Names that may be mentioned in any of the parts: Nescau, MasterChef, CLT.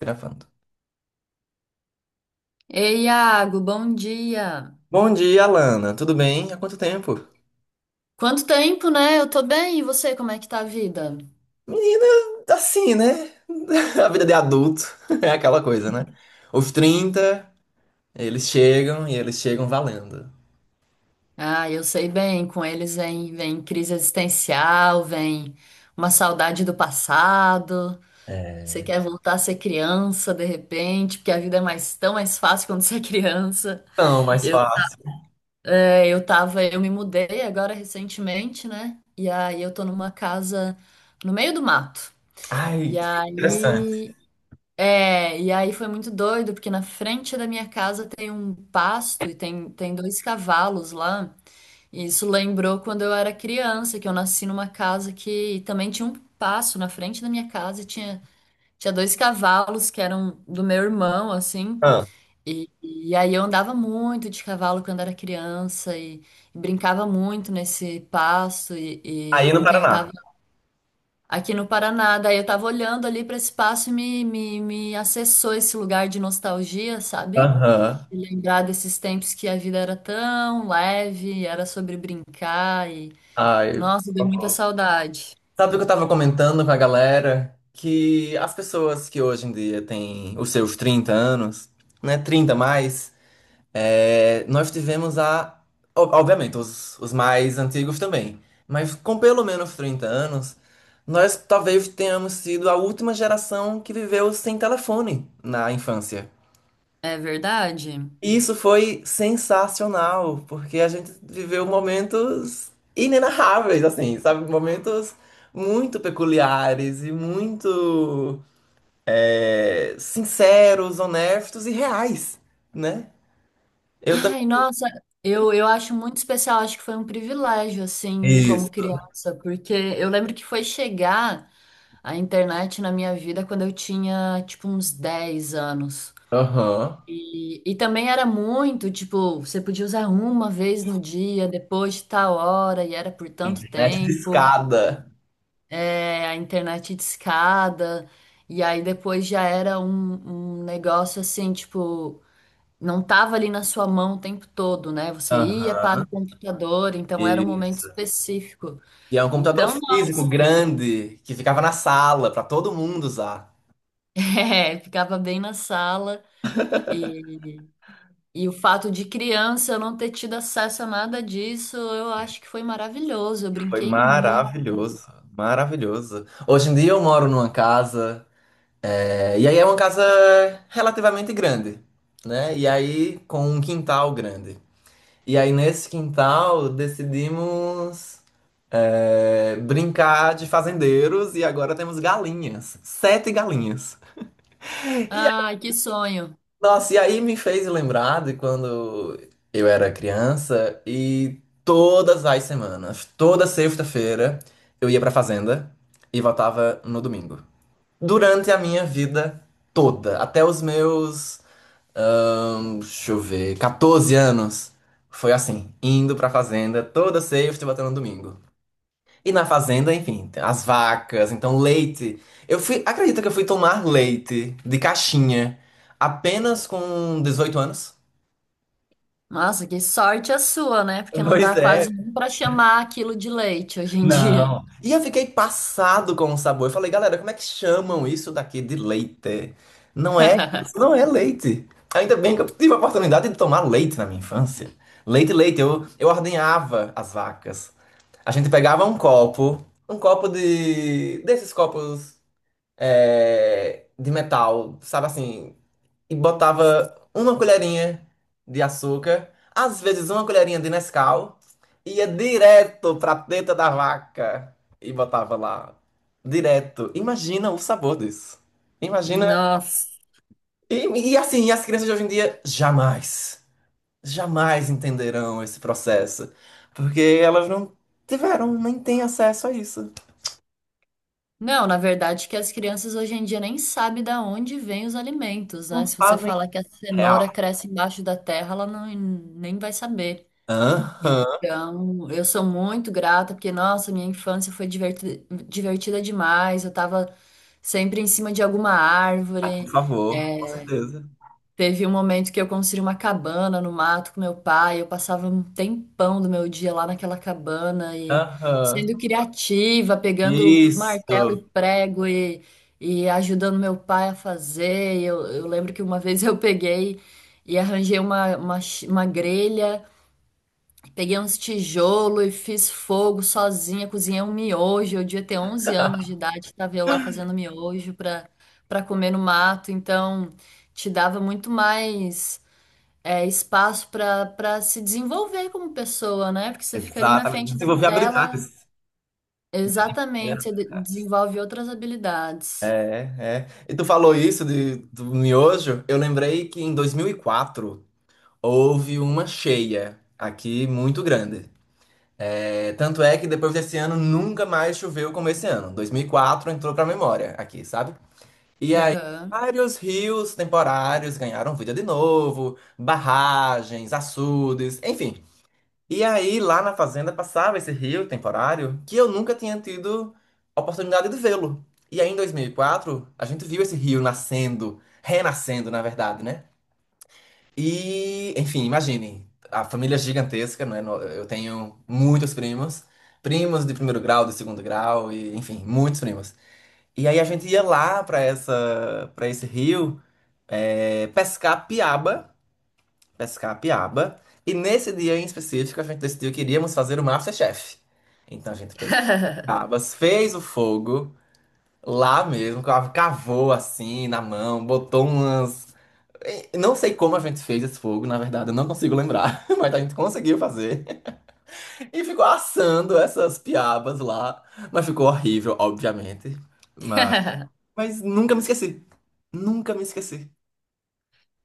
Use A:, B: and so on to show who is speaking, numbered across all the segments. A: Gravando.
B: Ei, Iago, bom dia.
A: Bom dia, Alana. Tudo bem? Há quanto tempo?
B: Quanto tempo, né? Eu tô bem, e você, como é que tá a vida?
A: Menina, assim, né? A vida de adulto é aquela coisa, né? Os 30 eles chegam e eles chegam valendo.
B: Ah, eu sei bem, com eles vem, vem crise existencial, vem uma saudade do passado. Você
A: É.
B: quer voltar a ser criança de repente, porque a vida é mais tão mais fácil quando você é criança.
A: Não, mais
B: Eu,
A: fácil.
B: é, eu tava, Eu me mudei agora recentemente, né? E aí eu tô numa casa no meio do mato.
A: Ai,
B: E
A: que interessante.
B: aí É, e aí foi muito doido, porque na frente da minha casa tem um pasto e tem dois cavalos lá. E isso lembrou quando eu era criança, que eu nasci numa casa que também tinha um pasto na frente da minha casa e tinha dois cavalos que eram do meu irmão, assim.
A: Ah,
B: E aí eu andava muito de cavalo quando era criança e brincava muito nesse pasto. E
A: aí no
B: ontem eu
A: Paraná.
B: tava aqui no Paraná. Daí eu tava olhando ali para esse espaço e me acessou esse lugar de nostalgia, sabe?
A: Aham.
B: E lembrar desses tempos que a vida era tão leve, era sobre brincar e.
A: Ai.
B: Nossa, deu muita saudade.
A: Sabe o que eu tava comentando com a galera? Que as pessoas que hoje em dia têm os seus 30 anos, né? 30 mais. É, nós tivemos obviamente, os mais antigos também. Mas com pelo menos 30 anos, nós talvez tenhamos sido a última geração que viveu sem telefone na infância.
B: É verdade?
A: E isso foi sensacional, porque a gente viveu momentos inenarráveis, assim, sabe? Momentos muito peculiares e muito sinceros, honestos e reais, né? Eu
B: Ai,
A: também.
B: nossa, eu acho muito especial, acho que foi um privilégio, assim, como
A: Isso.
B: criança, porque eu lembro que foi chegar a internet na minha vida quando eu tinha, tipo, uns 10 anos.
A: Aham.
B: E também era muito, tipo, você podia usar uma vez no dia, depois de tal hora, e era por tanto
A: Internet de
B: tempo.
A: escada.
B: É, a internet discada, e aí depois já era um negócio assim, tipo, não tava ali na sua mão o tempo todo, né? Você ia para o
A: Aham.
B: computador, então era um momento
A: Isso.
B: específico.
A: E é um computador
B: Então,
A: físico
B: nossa,
A: grande que ficava na sala para todo mundo usar.
B: é, ficava bem na sala. E o fato de criança eu não ter tido acesso a nada disso, eu acho que foi maravilhoso. Eu
A: Foi
B: brinquei muito.
A: maravilhoso, maravilhoso. Hoje em dia eu moro numa casa, e aí é uma casa relativamente grande, né? E aí com um quintal grande. E aí nesse quintal decidimos brincar de fazendeiros e agora temos galinhas, sete galinhas. E
B: Ai, que sonho.
A: nossa, e aí me fez lembrar de quando eu era criança e todas as semanas, toda sexta-feira, eu ia pra fazenda e voltava no domingo. Durante a minha vida toda, até os meus, ahn, deixa eu ver, 14 anos, foi assim, indo pra fazenda toda sexta e voltando no domingo. E na fazenda, enfim, tem as vacas, então leite. Eu fui, acredita que eu fui tomar leite de caixinha apenas com 18 anos?
B: Nossa, que sorte a sua, né? Porque não
A: Pois
B: dá
A: é,
B: quase nem pra chamar aquilo de leite hoje em dia.
A: não. E eu fiquei passado com o sabor. Eu falei, galera, como é que chamam isso daqui de leite? Não é, isso não é leite. Ainda bem que eu tive a oportunidade de tomar leite na minha infância. Leite, leite, eu ordenhava as vacas. A gente pegava um copo desses copos de metal, sabe assim, e botava uma colherinha de açúcar, às vezes uma colherinha de Nescau, e ia direto pra teta da vaca e botava lá. Direto. Imagina o sabor disso. Imagina.
B: Nossa.
A: E, e assim, as crianças de hoje em dia jamais, jamais entenderão esse processo, porque elas não tiveram, nem têm acesso a isso.
B: Não, na verdade que as crianças hoje em dia nem sabem da onde vêm os alimentos, né?
A: Não
B: Se você
A: fazem
B: falar que a
A: real.
B: cenoura cresce embaixo da terra, ela não, nem vai saber.
A: Aham.
B: Então, eu sou muito grata, porque, nossa, minha infância foi divertida, divertida demais. Eu tava sempre em cima de alguma
A: Ah, por
B: árvore.
A: favor, com certeza.
B: Teve um momento que eu construí uma cabana no mato com meu pai. Eu passava um tempão do meu dia lá naquela cabana e
A: Aham.
B: sendo criativa, pegando martelo e
A: Isso.
B: prego e ajudando meu pai a fazer. E eu lembro que uma vez eu peguei e arranjei uma grelha. Peguei uns tijolos e fiz fogo sozinha, cozinhei um miojo. Eu devia ter 11 anos de idade, tava eu lá fazendo miojo para comer no mato. Então, te dava muito mais é, espaço para se desenvolver como pessoa, né? Porque você fica ali na
A: Exatamente.
B: frente da
A: Desenvolver
B: tela,
A: habilidades. É.
B: exatamente, você desenvolve outras
A: É.
B: habilidades.
A: É. E tu falou isso do miojo, eu lembrei que em 2004 houve uma cheia aqui muito grande. É, tanto é que depois desse ano nunca mais choveu como esse ano. 2004 entrou pra memória aqui, sabe? E aí
B: Aham.
A: vários rios temporários ganharam vida de novo, barragens, açudes, enfim. E aí, lá na fazenda, passava esse rio temporário que eu nunca tinha tido a oportunidade de vê-lo. E aí, em 2004, a gente viu esse rio nascendo, renascendo, na verdade, né? E, enfim, imagine, a família é gigantesca, não é? Eu tenho muitos primos, primos de primeiro grau, de segundo grau, e, enfim, muitos primos. E aí, a gente ia lá para essa, para esse rio, eh, pescar piaba pescar a piaba. E nesse dia em específico, a gente decidiu que iríamos fazer o MasterChef. Então a gente pegou piabas, fez o fogo lá mesmo, cavou assim na mão, botou umas. E não sei como a gente fez esse fogo, na verdade, eu não consigo lembrar, mas a gente conseguiu fazer. E ficou assando essas piabas lá. Mas ficou horrível, obviamente. Mas, mas nunca me esqueci. Nunca me esqueci.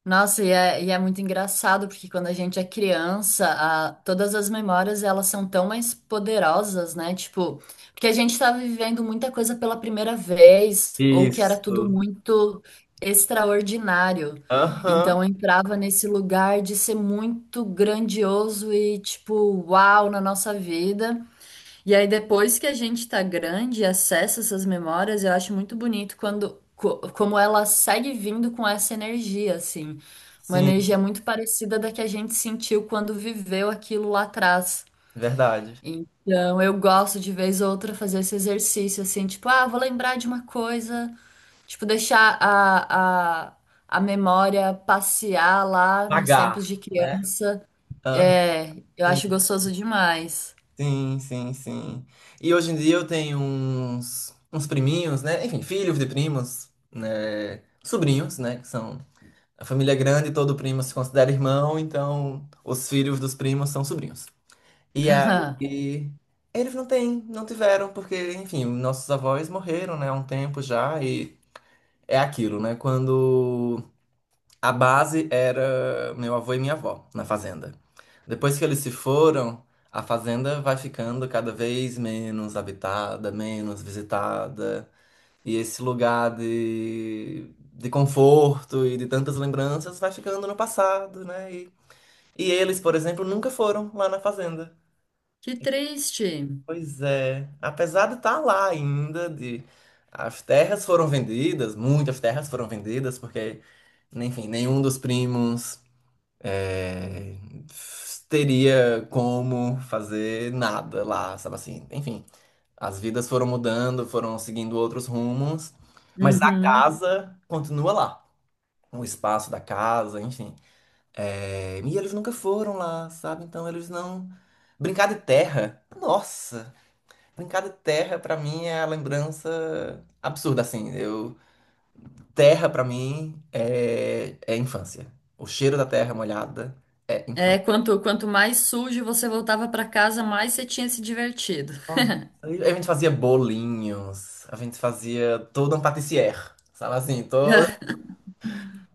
B: Nossa, e é muito engraçado, porque quando a gente é criança, todas as memórias elas são tão mais poderosas, né? Tipo, porque a gente tá vivendo muita coisa pela primeira vez, ou que era tudo
A: Isso.
B: muito extraordinário.
A: Aham.
B: Então eu entrava nesse lugar de ser muito grandioso e, tipo, uau na nossa vida. E aí, depois que a gente tá grande e acessa essas memórias, eu acho muito bonito quando, como ela segue vindo com essa energia, assim. Uma
A: Sim,
B: energia muito parecida da que a gente sentiu quando viveu aquilo lá atrás.
A: verdade.
B: Então, eu gosto de vez ou outra fazer esse exercício, assim, tipo, ah, vou lembrar de uma coisa, tipo, deixar a memória passear lá nos
A: Pagar,
B: tempos de
A: né?
B: criança.
A: Ah,
B: É, eu
A: sim,
B: acho gostoso demais.
A: sim, sim, sim. E hoje em dia eu tenho uns, priminhos, né? Enfim, filhos de primos, né? Sobrinhos, né? Que são. A família é grande, todo primo se considera irmão, então os filhos dos primos são sobrinhos. E aí. Eles não têm, não tiveram, porque, enfim, nossos avós morreram, né? Há um tempo já, e é aquilo, né? Quando. A base era meu avô e minha avó na fazenda. Depois que eles se foram, a fazenda vai ficando cada vez menos habitada, menos visitada. E esse lugar de conforto e de tantas lembranças vai ficando no passado, né? E eles, por exemplo, nunca foram lá na fazenda.
B: Que triste.
A: Pois é, apesar de estar lá ainda, de as terras foram vendidas, muitas terras foram vendidas, porque, enfim, nenhum dos primos é, teria como fazer nada lá, sabe assim? Enfim, as vidas foram mudando, foram seguindo outros rumos, mas a
B: Uhum.
A: casa continua lá. O espaço da casa, enfim. É, e eles nunca foram lá, sabe? Então eles não. Brincar de terra, nossa! Brincar de terra pra mim é a lembrança absurda, assim. Eu. Terra pra mim é infância. O cheiro da terra molhada é
B: É,
A: infância.
B: quanto mais sujo você voltava para casa, mais você tinha se divertido.
A: Nossa, a gente fazia bolinhos, a gente fazia todo um patissier, sabe assim, todo.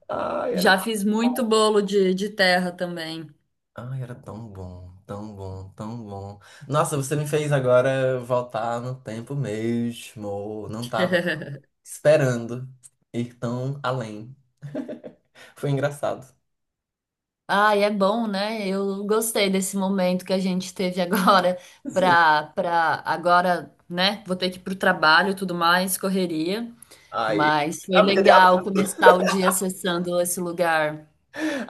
A: Ai, era,
B: Já fiz muito bolo de terra também.
A: ai, era tão bom, tão bom, tão bom. Nossa, você me fez agora voltar no tempo mesmo. Não tava esperando ir tão além. Foi engraçado.
B: Ai, é bom, né? Eu gostei desse momento que a gente teve agora
A: Sim.
B: pra agora, né? Vou ter que ir pro trabalho, e tudo mais, correria,
A: Ai,
B: mas foi
A: a vida de
B: legal
A: adulto,
B: começar o dia acessando esse lugar,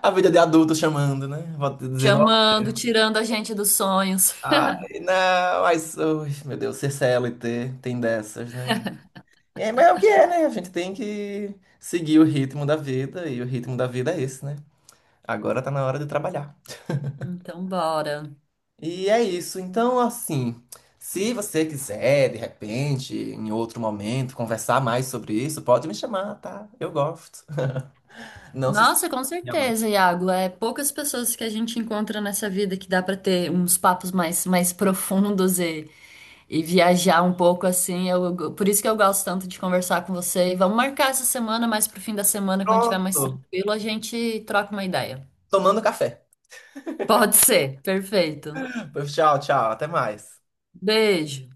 A: a vida de adulto chamando, né? Vou te dizendo,
B: chamando, tirando a gente dos sonhos.
A: ai, não, mas, ui, meu Deus, ser C L T, tem dessas, né? É, mas é o que é, né? A gente tem que seguir o ritmo da vida, e o ritmo da vida é esse, né? Agora tá na hora de trabalhar.
B: Então, bora.
A: E é isso. Então, assim, se você quiser, de repente, em outro momento, conversar mais sobre isso, pode me chamar, tá? Eu gosto. Não se esqueça,
B: Nossa, com
A: minha
B: certeza, Iago. É poucas pessoas que a gente encontra nessa vida que dá pra ter uns papos mais profundos e viajar um pouco assim. Por isso que eu gosto tanto de conversar com você. E vamos marcar essa semana, mais pro fim da semana, quando tiver mais
A: pronto.
B: tranquilo, a gente troca uma ideia.
A: Tomando café.
B: Pode ser, perfeito.
A: Pois tchau, tchau. Até mais.
B: Beijo.